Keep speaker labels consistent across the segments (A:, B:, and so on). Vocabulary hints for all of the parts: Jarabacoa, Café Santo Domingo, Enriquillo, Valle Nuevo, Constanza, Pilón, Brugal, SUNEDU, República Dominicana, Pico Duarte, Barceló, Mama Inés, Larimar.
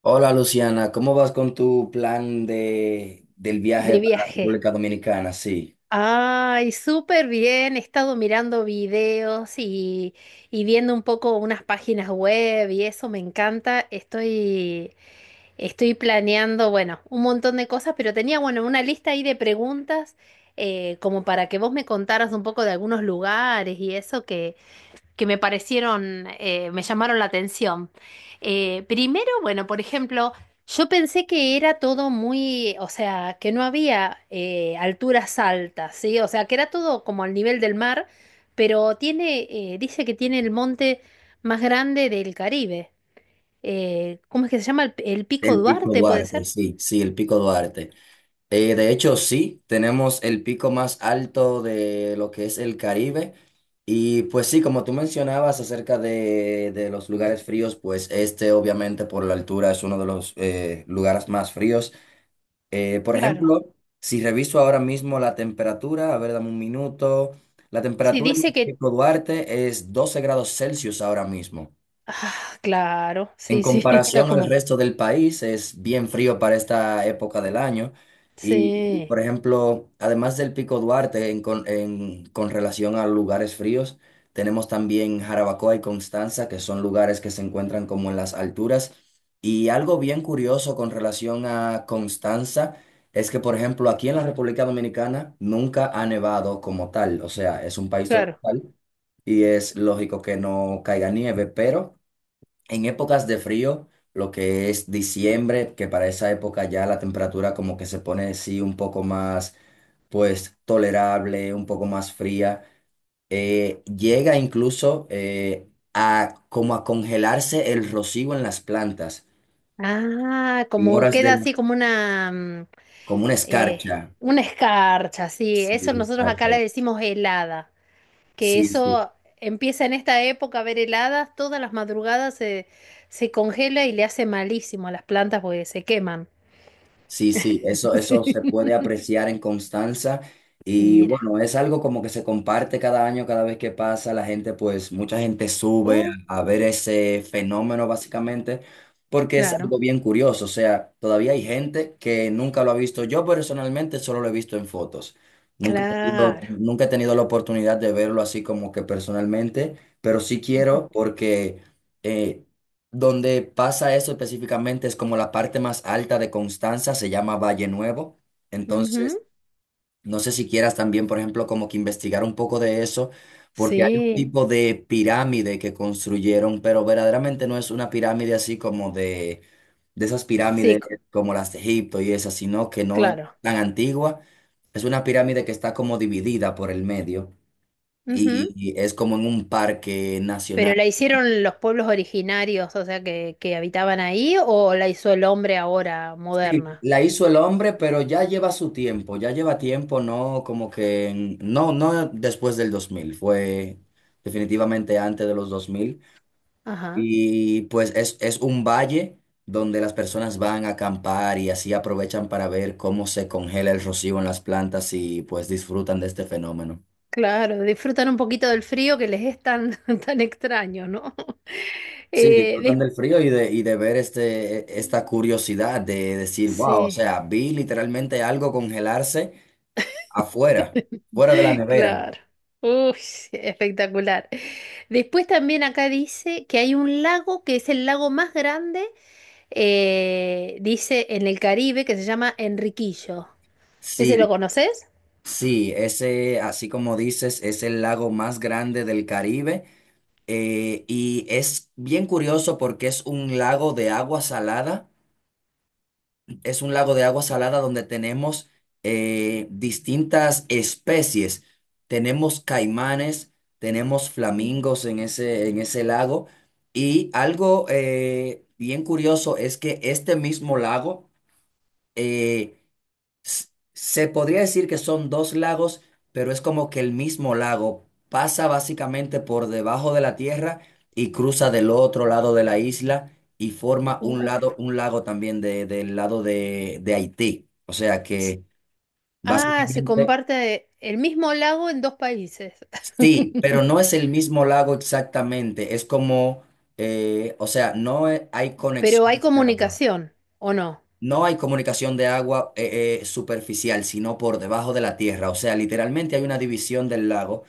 A: Hola Luciana, ¿cómo vas con tu plan del viaje
B: De
A: para la
B: viaje.
A: República Dominicana? Sí,
B: Ay, súper bien. He estado mirando videos y viendo un poco unas páginas web y eso me encanta. Estoy planeando, bueno, un montón de cosas, pero tenía, bueno, una lista ahí de preguntas como para que vos me contaras un poco de algunos lugares y eso que me parecieron, me llamaron la atención. Primero, bueno, por ejemplo, yo pensé que era todo muy, o sea, que no había alturas altas, ¿sí? O sea, que era todo como al nivel del mar, pero tiene, dice que tiene el monte más grande del Caribe. ¿Cómo es que se llama? ¿El Pico
A: el Pico
B: Duarte, puede
A: Duarte,
B: ser?
A: sí, sí, el Pico Duarte. De hecho, sí, tenemos el pico más alto de lo que es el Caribe. Y pues sí, como tú mencionabas acerca de los lugares fríos, pues este obviamente por la altura es uno de los lugares más fríos. Por
B: Claro.
A: ejemplo, si reviso ahora mismo la temperatura, a ver, dame un minuto. La
B: Sí,
A: temperatura en
B: dice
A: el
B: que.
A: Pico Duarte es 12 °C ahora mismo.
B: Ah, claro,
A: En
B: sí, sí, está
A: comparación al
B: como.
A: resto del país, es bien frío para esta época del año. Y, por
B: Sí,
A: ejemplo, además del Pico Duarte, con relación a lugares fríos, tenemos también Jarabacoa y Constanza, que son lugares que se encuentran como en las alturas. Y algo bien curioso con relación a Constanza es que, por ejemplo, aquí en la República Dominicana nunca ha nevado como tal. O sea, es un país
B: claro.
A: tropical y es lógico que no caiga nieve, pero en épocas de frío, lo que es diciembre, que para esa época ya la temperatura como que se pone sí un poco más, pues, tolerable, un poco más fría, llega incluso a como a congelarse el rocío en las plantas,
B: Ah,
A: en
B: como
A: horas de
B: queda
A: la-
B: así como una,
A: como una
B: eh,
A: escarcha.
B: una escarcha, sí.
A: Sí,
B: Eso nosotros acá le
A: exacto.
B: decimos helada, que
A: Sí, sí.
B: eso empieza en esta época a ver heladas, todas las madrugadas se, se congela y le hace malísimo a las plantas porque se queman.
A: Sí, sí, eso, eso
B: Sí.
A: se puede apreciar en Constanza y
B: Mira.
A: bueno, es algo como que se comparte cada año, cada vez que pasa, la gente pues, mucha gente sube
B: Uh,
A: a ver ese fenómeno básicamente porque es
B: claro,
A: algo bien curioso, o sea, todavía hay gente que nunca lo ha visto, yo personalmente solo lo he visto en fotos,
B: claro.
A: nunca he tenido la oportunidad de verlo así como que personalmente, pero sí
B: Ujú,
A: quiero porque eh, donde pasa eso específicamente es como la parte más alta de Constanza, se llama Valle Nuevo.
B: ujú.
A: Entonces, no sé si quieras también, por ejemplo, como que investigar un poco de eso, porque hay un
B: Sí,
A: tipo de pirámide que construyeron, pero verdaderamente no es una pirámide así como de esas
B: sí,
A: pirámides como las de Egipto y esas, sino que no es
B: claro.
A: tan antigua. Es una pirámide que está como dividida por el medio y es como en un parque nacional.
B: ¿Pero la hicieron los pueblos originarios, o sea, que habitaban ahí, o la hizo el hombre ahora,
A: Sí,
B: moderna?
A: la hizo el hombre, pero ya lleva su tiempo, ya lleva tiempo, no como que, en- no, no después del 2000 fue definitivamente antes de los 2000.
B: Ajá,
A: Y pues es un valle donde las personas van a acampar y así aprovechan para ver cómo se congela el rocío en las plantas y pues disfrutan de este fenómeno.
B: claro, disfrutan un poquito del frío que les es tan, tan extraño, ¿no?
A: Sí,
B: Eh, des-
A: disfrutan del frío y de ver esta curiosidad de decir, wow, o
B: Sí,
A: sea, vi literalmente algo congelarse afuera, fuera de la nevera.
B: claro. Uy, espectacular. Después también acá dice que hay un lago que es el lago más grande, dice en el Caribe, que se llama Enriquillo. ¿Ese lo
A: Sí,
B: conoces?
A: sí, ese, así como dices, es el lago más grande del Caribe, y es bien curioso porque es un lago de agua salada, es un lago de agua salada donde tenemos distintas especies. Tenemos caimanes, tenemos flamingos en ese lago y algo bien curioso es que este mismo lago eh, se podría decir que son dos lagos, pero es como que el mismo lago pasa básicamente por debajo de la tierra y cruza del otro lado de la isla y forma un
B: Uf.
A: lado, un lago también del lado de Haití. O sea que
B: Ah, se
A: básicamente
B: comparte el mismo lago en dos países.
A: sí, pero no es el mismo lago exactamente. Es como, o sea, no e- hay
B: Pero
A: conexión
B: hay
A: de agua.
B: comunicación, ¿o no?
A: No hay comunicación de agua superficial, sino por debajo de la tierra. O sea, literalmente hay una división del lago,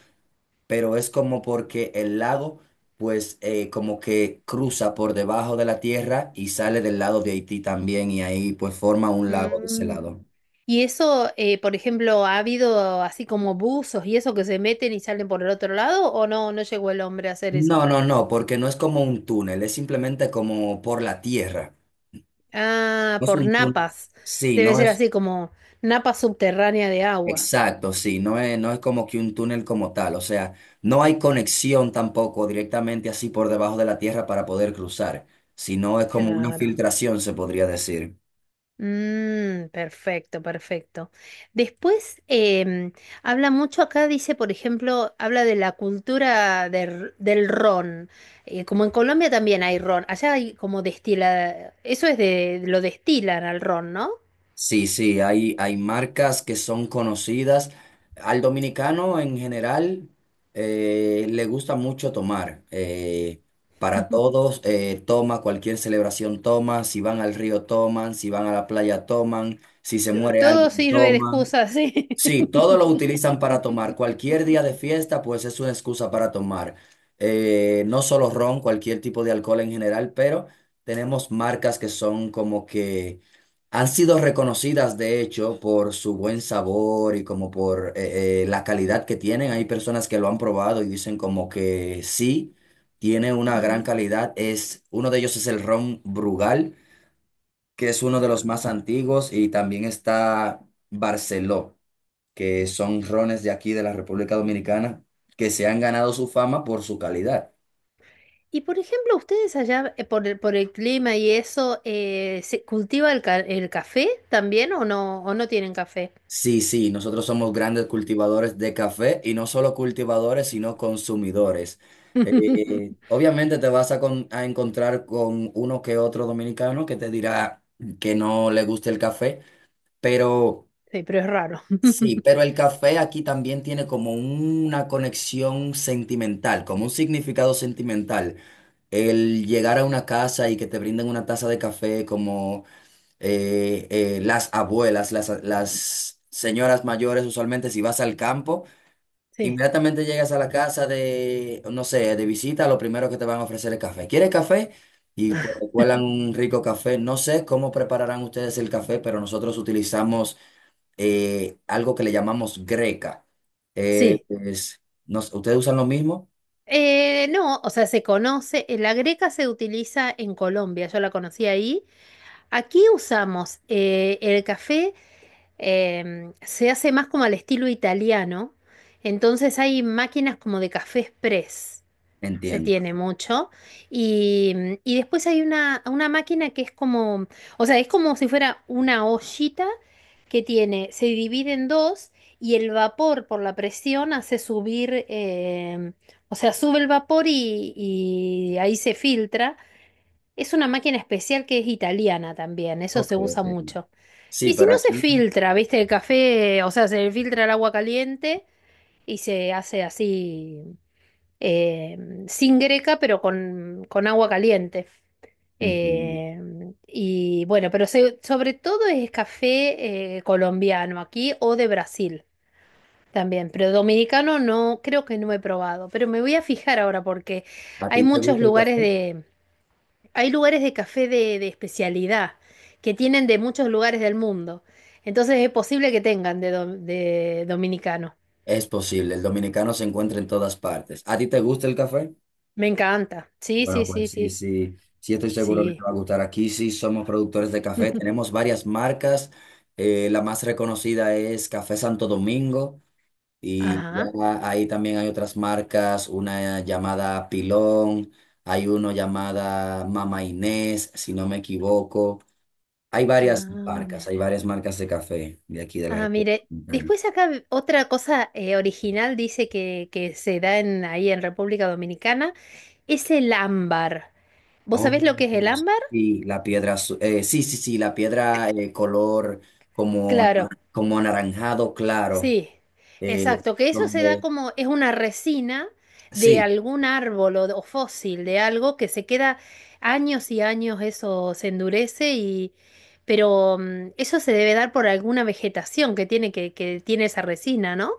A: pero es como porque el lago, pues, como que cruza por debajo de la tierra y sale del lado de Haití también, y ahí, pues, forma un lago de ese
B: Mm.
A: lado.
B: Y eso, por ejemplo, ¿ha habido así como buzos y eso que se meten y salen por el otro lado? ¿O no? No llegó el hombre a hacer eso.
A: No, no, no, porque no es como un túnel, es simplemente como por la tierra.
B: Ah,
A: No es
B: por
A: un túnel.
B: napas.
A: Sí,
B: Debe
A: no
B: ser
A: es.
B: así como napa subterránea de agua.
A: Exacto, sí, no es como que un túnel como tal, o sea, no hay conexión tampoco directamente así por debajo de la tierra para poder cruzar, sino es como una
B: Claro.
A: filtración, se podría decir.
B: Mm, perfecto, perfecto. Después habla mucho acá, dice, por ejemplo, habla de la cultura del ron. Como en Colombia también hay ron, allá hay como destila, eso es de, lo destilan al ron, ¿no?
A: Sí, sí, hay marcas que son conocidas. Al dominicano en general le gusta mucho tomar. Para
B: Ujú.
A: todos toma, cualquier celebración toma, si van al río toman, si van a la playa toman, si se muere
B: Todo
A: alguien
B: sirve de
A: toman.
B: excusa, sí.
A: Sí, todo lo utilizan para tomar. Cualquier día de fiesta, pues es una excusa para tomar. No solo ron, cualquier tipo de alcohol en general, pero tenemos marcas que son como que han sido reconocidas, de hecho, por su buen sabor y como por la calidad que tienen. Hay personas que lo han probado y dicen como que sí, tiene una gran
B: Ujú,
A: calidad. Uno de ellos es el ron Brugal, que es uno de los
B: ajá.
A: más antiguos y también está Barceló, que son rones de aquí de la República Dominicana, que se han ganado su fama por su calidad.
B: Y por ejemplo, ustedes allá por el clima y eso, ¿se cultiva el, el café también o no tienen café?
A: Sí, sí, nosotros somos grandes cultivadores de café y no solo cultivadores, sino consumidores. Obviamente te vas a encontrar con uno que otro dominicano que te dirá que no le gusta el café, pero
B: Sí, pero es raro.
A: sí, pero el café aquí también tiene como una conexión sentimental, como un significado sentimental. El llegar a una casa y que te brinden una taza de café como las abuelas, las señoras mayores, usualmente si vas al campo,
B: Sí,
A: inmediatamente llegas a la casa de, no sé, de visita, lo primero que te van a ofrecer es café. ¿Quieres café? Y pues te cuelan un rico café. No sé cómo prepararán ustedes el café, pero nosotros utilizamos algo que le llamamos greca.
B: sí.
A: No sé, ¿ustedes usan lo mismo?
B: No, o sea, se conoce, la greca se utiliza en Colombia, yo la conocí ahí. Aquí usamos el café, se hace más como al estilo italiano, entonces hay máquinas como de café express. Se
A: Entiendo.
B: tiene mucho. Y, y después hay una máquina que es como, o sea, es como si fuera una ollita que tiene, se divide en dos y el vapor por la presión hace subir, o sea, sube el vapor y ahí se filtra. Es una máquina especial que es italiana también, eso
A: Ok,
B: se
A: ok.
B: usa mucho.
A: Sí,
B: Y si
A: pero
B: no se
A: aquí
B: filtra, viste, el café, o sea, se filtra el agua caliente y se hace así eh, sin greca, pero con agua caliente.
A: entiendo.
B: Eh, y bueno, pero sobre todo es café colombiano aquí o de Brasil también, pero dominicano no, creo que no he probado, pero me voy a fijar ahora porque
A: ¿A
B: hay
A: ti te
B: muchos
A: gusta el
B: lugares
A: café?
B: de, hay lugares de café de especialidad que tienen de muchos lugares del mundo, entonces es posible que tengan de, de dominicano.
A: Es posible, el dominicano se encuentra en todas partes. ¿A ti te gusta el café?
B: Me encanta, sí,
A: Bueno,
B: sí, sí,
A: pues sí,
B: sí,
A: sí, sí estoy seguro que
B: sí.
A: te va a gustar. Aquí sí somos productores de café, tenemos varias marcas. La más reconocida es Café Santo Domingo. Y
B: Ajá.
A: ya ahí también hay otras marcas, una llamada Pilón, hay uno llamada Mama Inés, si no me equivoco.
B: Ah, mire.
A: Hay varias marcas de café de aquí de la
B: Ah,
A: República
B: mire.
A: Dominicana.
B: Después acá otra cosa original dice que se da en, ahí en República Dominicana es el ámbar. ¿Vos
A: Oh,
B: sabés lo que es el ámbar?
A: sí, la piedra azul, sí, sí, sí, la piedra color como,
B: Claro,
A: como anaranjado claro,
B: sí,
A: eh,
B: exacto, que eso se da
A: donde,
B: como es una resina de
A: sí.
B: algún árbol o fósil de algo que se queda años y años, eso se endurece y pero eso se debe dar por alguna vegetación que tiene que tiene esa resina, ¿no?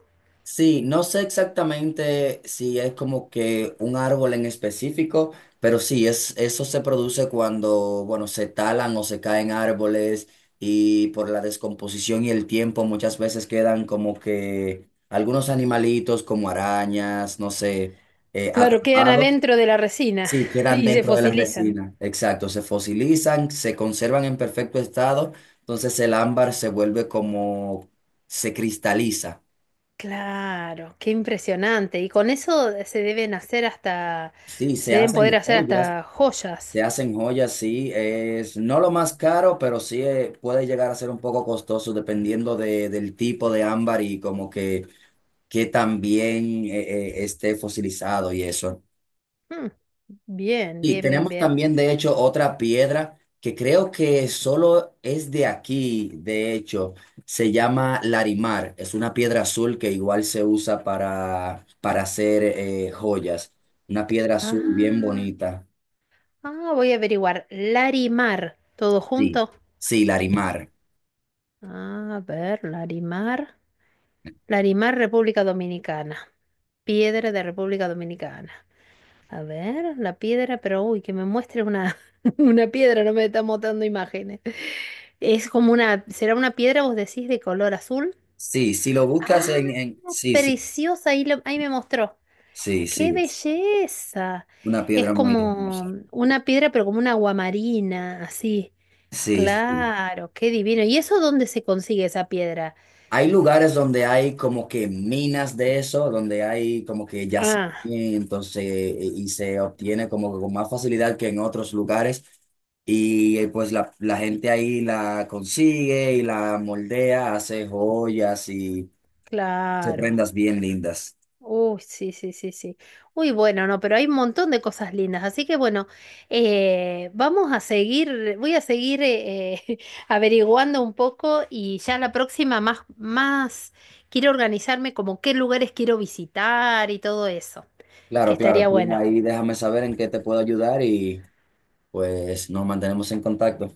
A: Sí, no sé exactamente si es como que un árbol en específico, pero sí, es, eso se produce cuando, bueno, se talan o se caen árboles y por la descomposición y el tiempo muchas veces quedan como que algunos animalitos como arañas, no sé,
B: Claro, quedan
A: atrapados,
B: adentro de la resina
A: sí, quedan
B: y se
A: dentro de la
B: fosilizan.
A: resina. Exacto, se fosilizan, se conservan en perfecto estado, entonces el ámbar se vuelve como, se cristaliza.
B: Claro, qué impresionante. Y con eso se deben hacer hasta,
A: Sí,
B: se deben poder hacer hasta joyas.
A: se hacen joyas, sí, es no lo más caro, pero sí puede llegar a ser un poco costoso dependiendo del tipo de ámbar y como que también esté fosilizado y eso.
B: Mm, bien,
A: Y
B: bien, bien,
A: tenemos
B: bien.
A: también, de hecho, otra piedra que creo que solo es de aquí, de hecho, se llama Larimar, es una piedra azul que igual se usa para hacer joyas, una piedra azul bien
B: Ah,
A: bonita.
B: ah, voy a averiguar. Larimar, todo
A: Sí,
B: junto.
A: sí, Larimar.
B: A ver, Larimar. Larimar, República Dominicana. Piedra de República Dominicana. A ver, la piedra, pero uy, que me muestre una, una piedra, no me está mostrando imágenes. Es como una, será una piedra, vos decís, de color azul.
A: Sí, si lo buscas
B: Ah,
A: en... Sí, sí,
B: preciosa, ahí, ahí me mostró.
A: sí,
B: ¡Qué
A: sí, es
B: belleza!
A: una
B: Es
A: piedra muy
B: como
A: hermosa.
B: una piedra, pero como una guamarina, así.
A: Sí, sí.
B: Claro, qué divino. ¿Y eso dónde se consigue esa piedra?
A: Hay lugares donde hay como que minas de eso, donde hay como que
B: Ah,
A: yacimientos y se obtiene como que con más facilidad que en otros lugares. Y pues la gente ahí la consigue y la moldea, hace joyas y se
B: claro.
A: prendas bien lindas.
B: Uy, sí, sí, sí, sí. Uy, bueno, no, pero hay un montón de cosas lindas. Así que bueno, vamos a seguir, voy a seguir averiguando un poco y ya la próxima más, más quiero organizarme como qué lugares quiero visitar y todo eso, que
A: Claro, claro,
B: estaría
A: tú
B: bueno.
A: ahí déjame saber en qué te puedo ayudar y... pues nos mantenemos en contacto.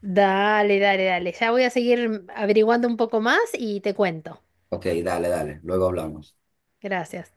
B: Dale, dale, dale. Ya voy a seguir averiguando un poco más y te cuento.
A: Ok, dale, dale. Luego hablamos.
B: Gracias.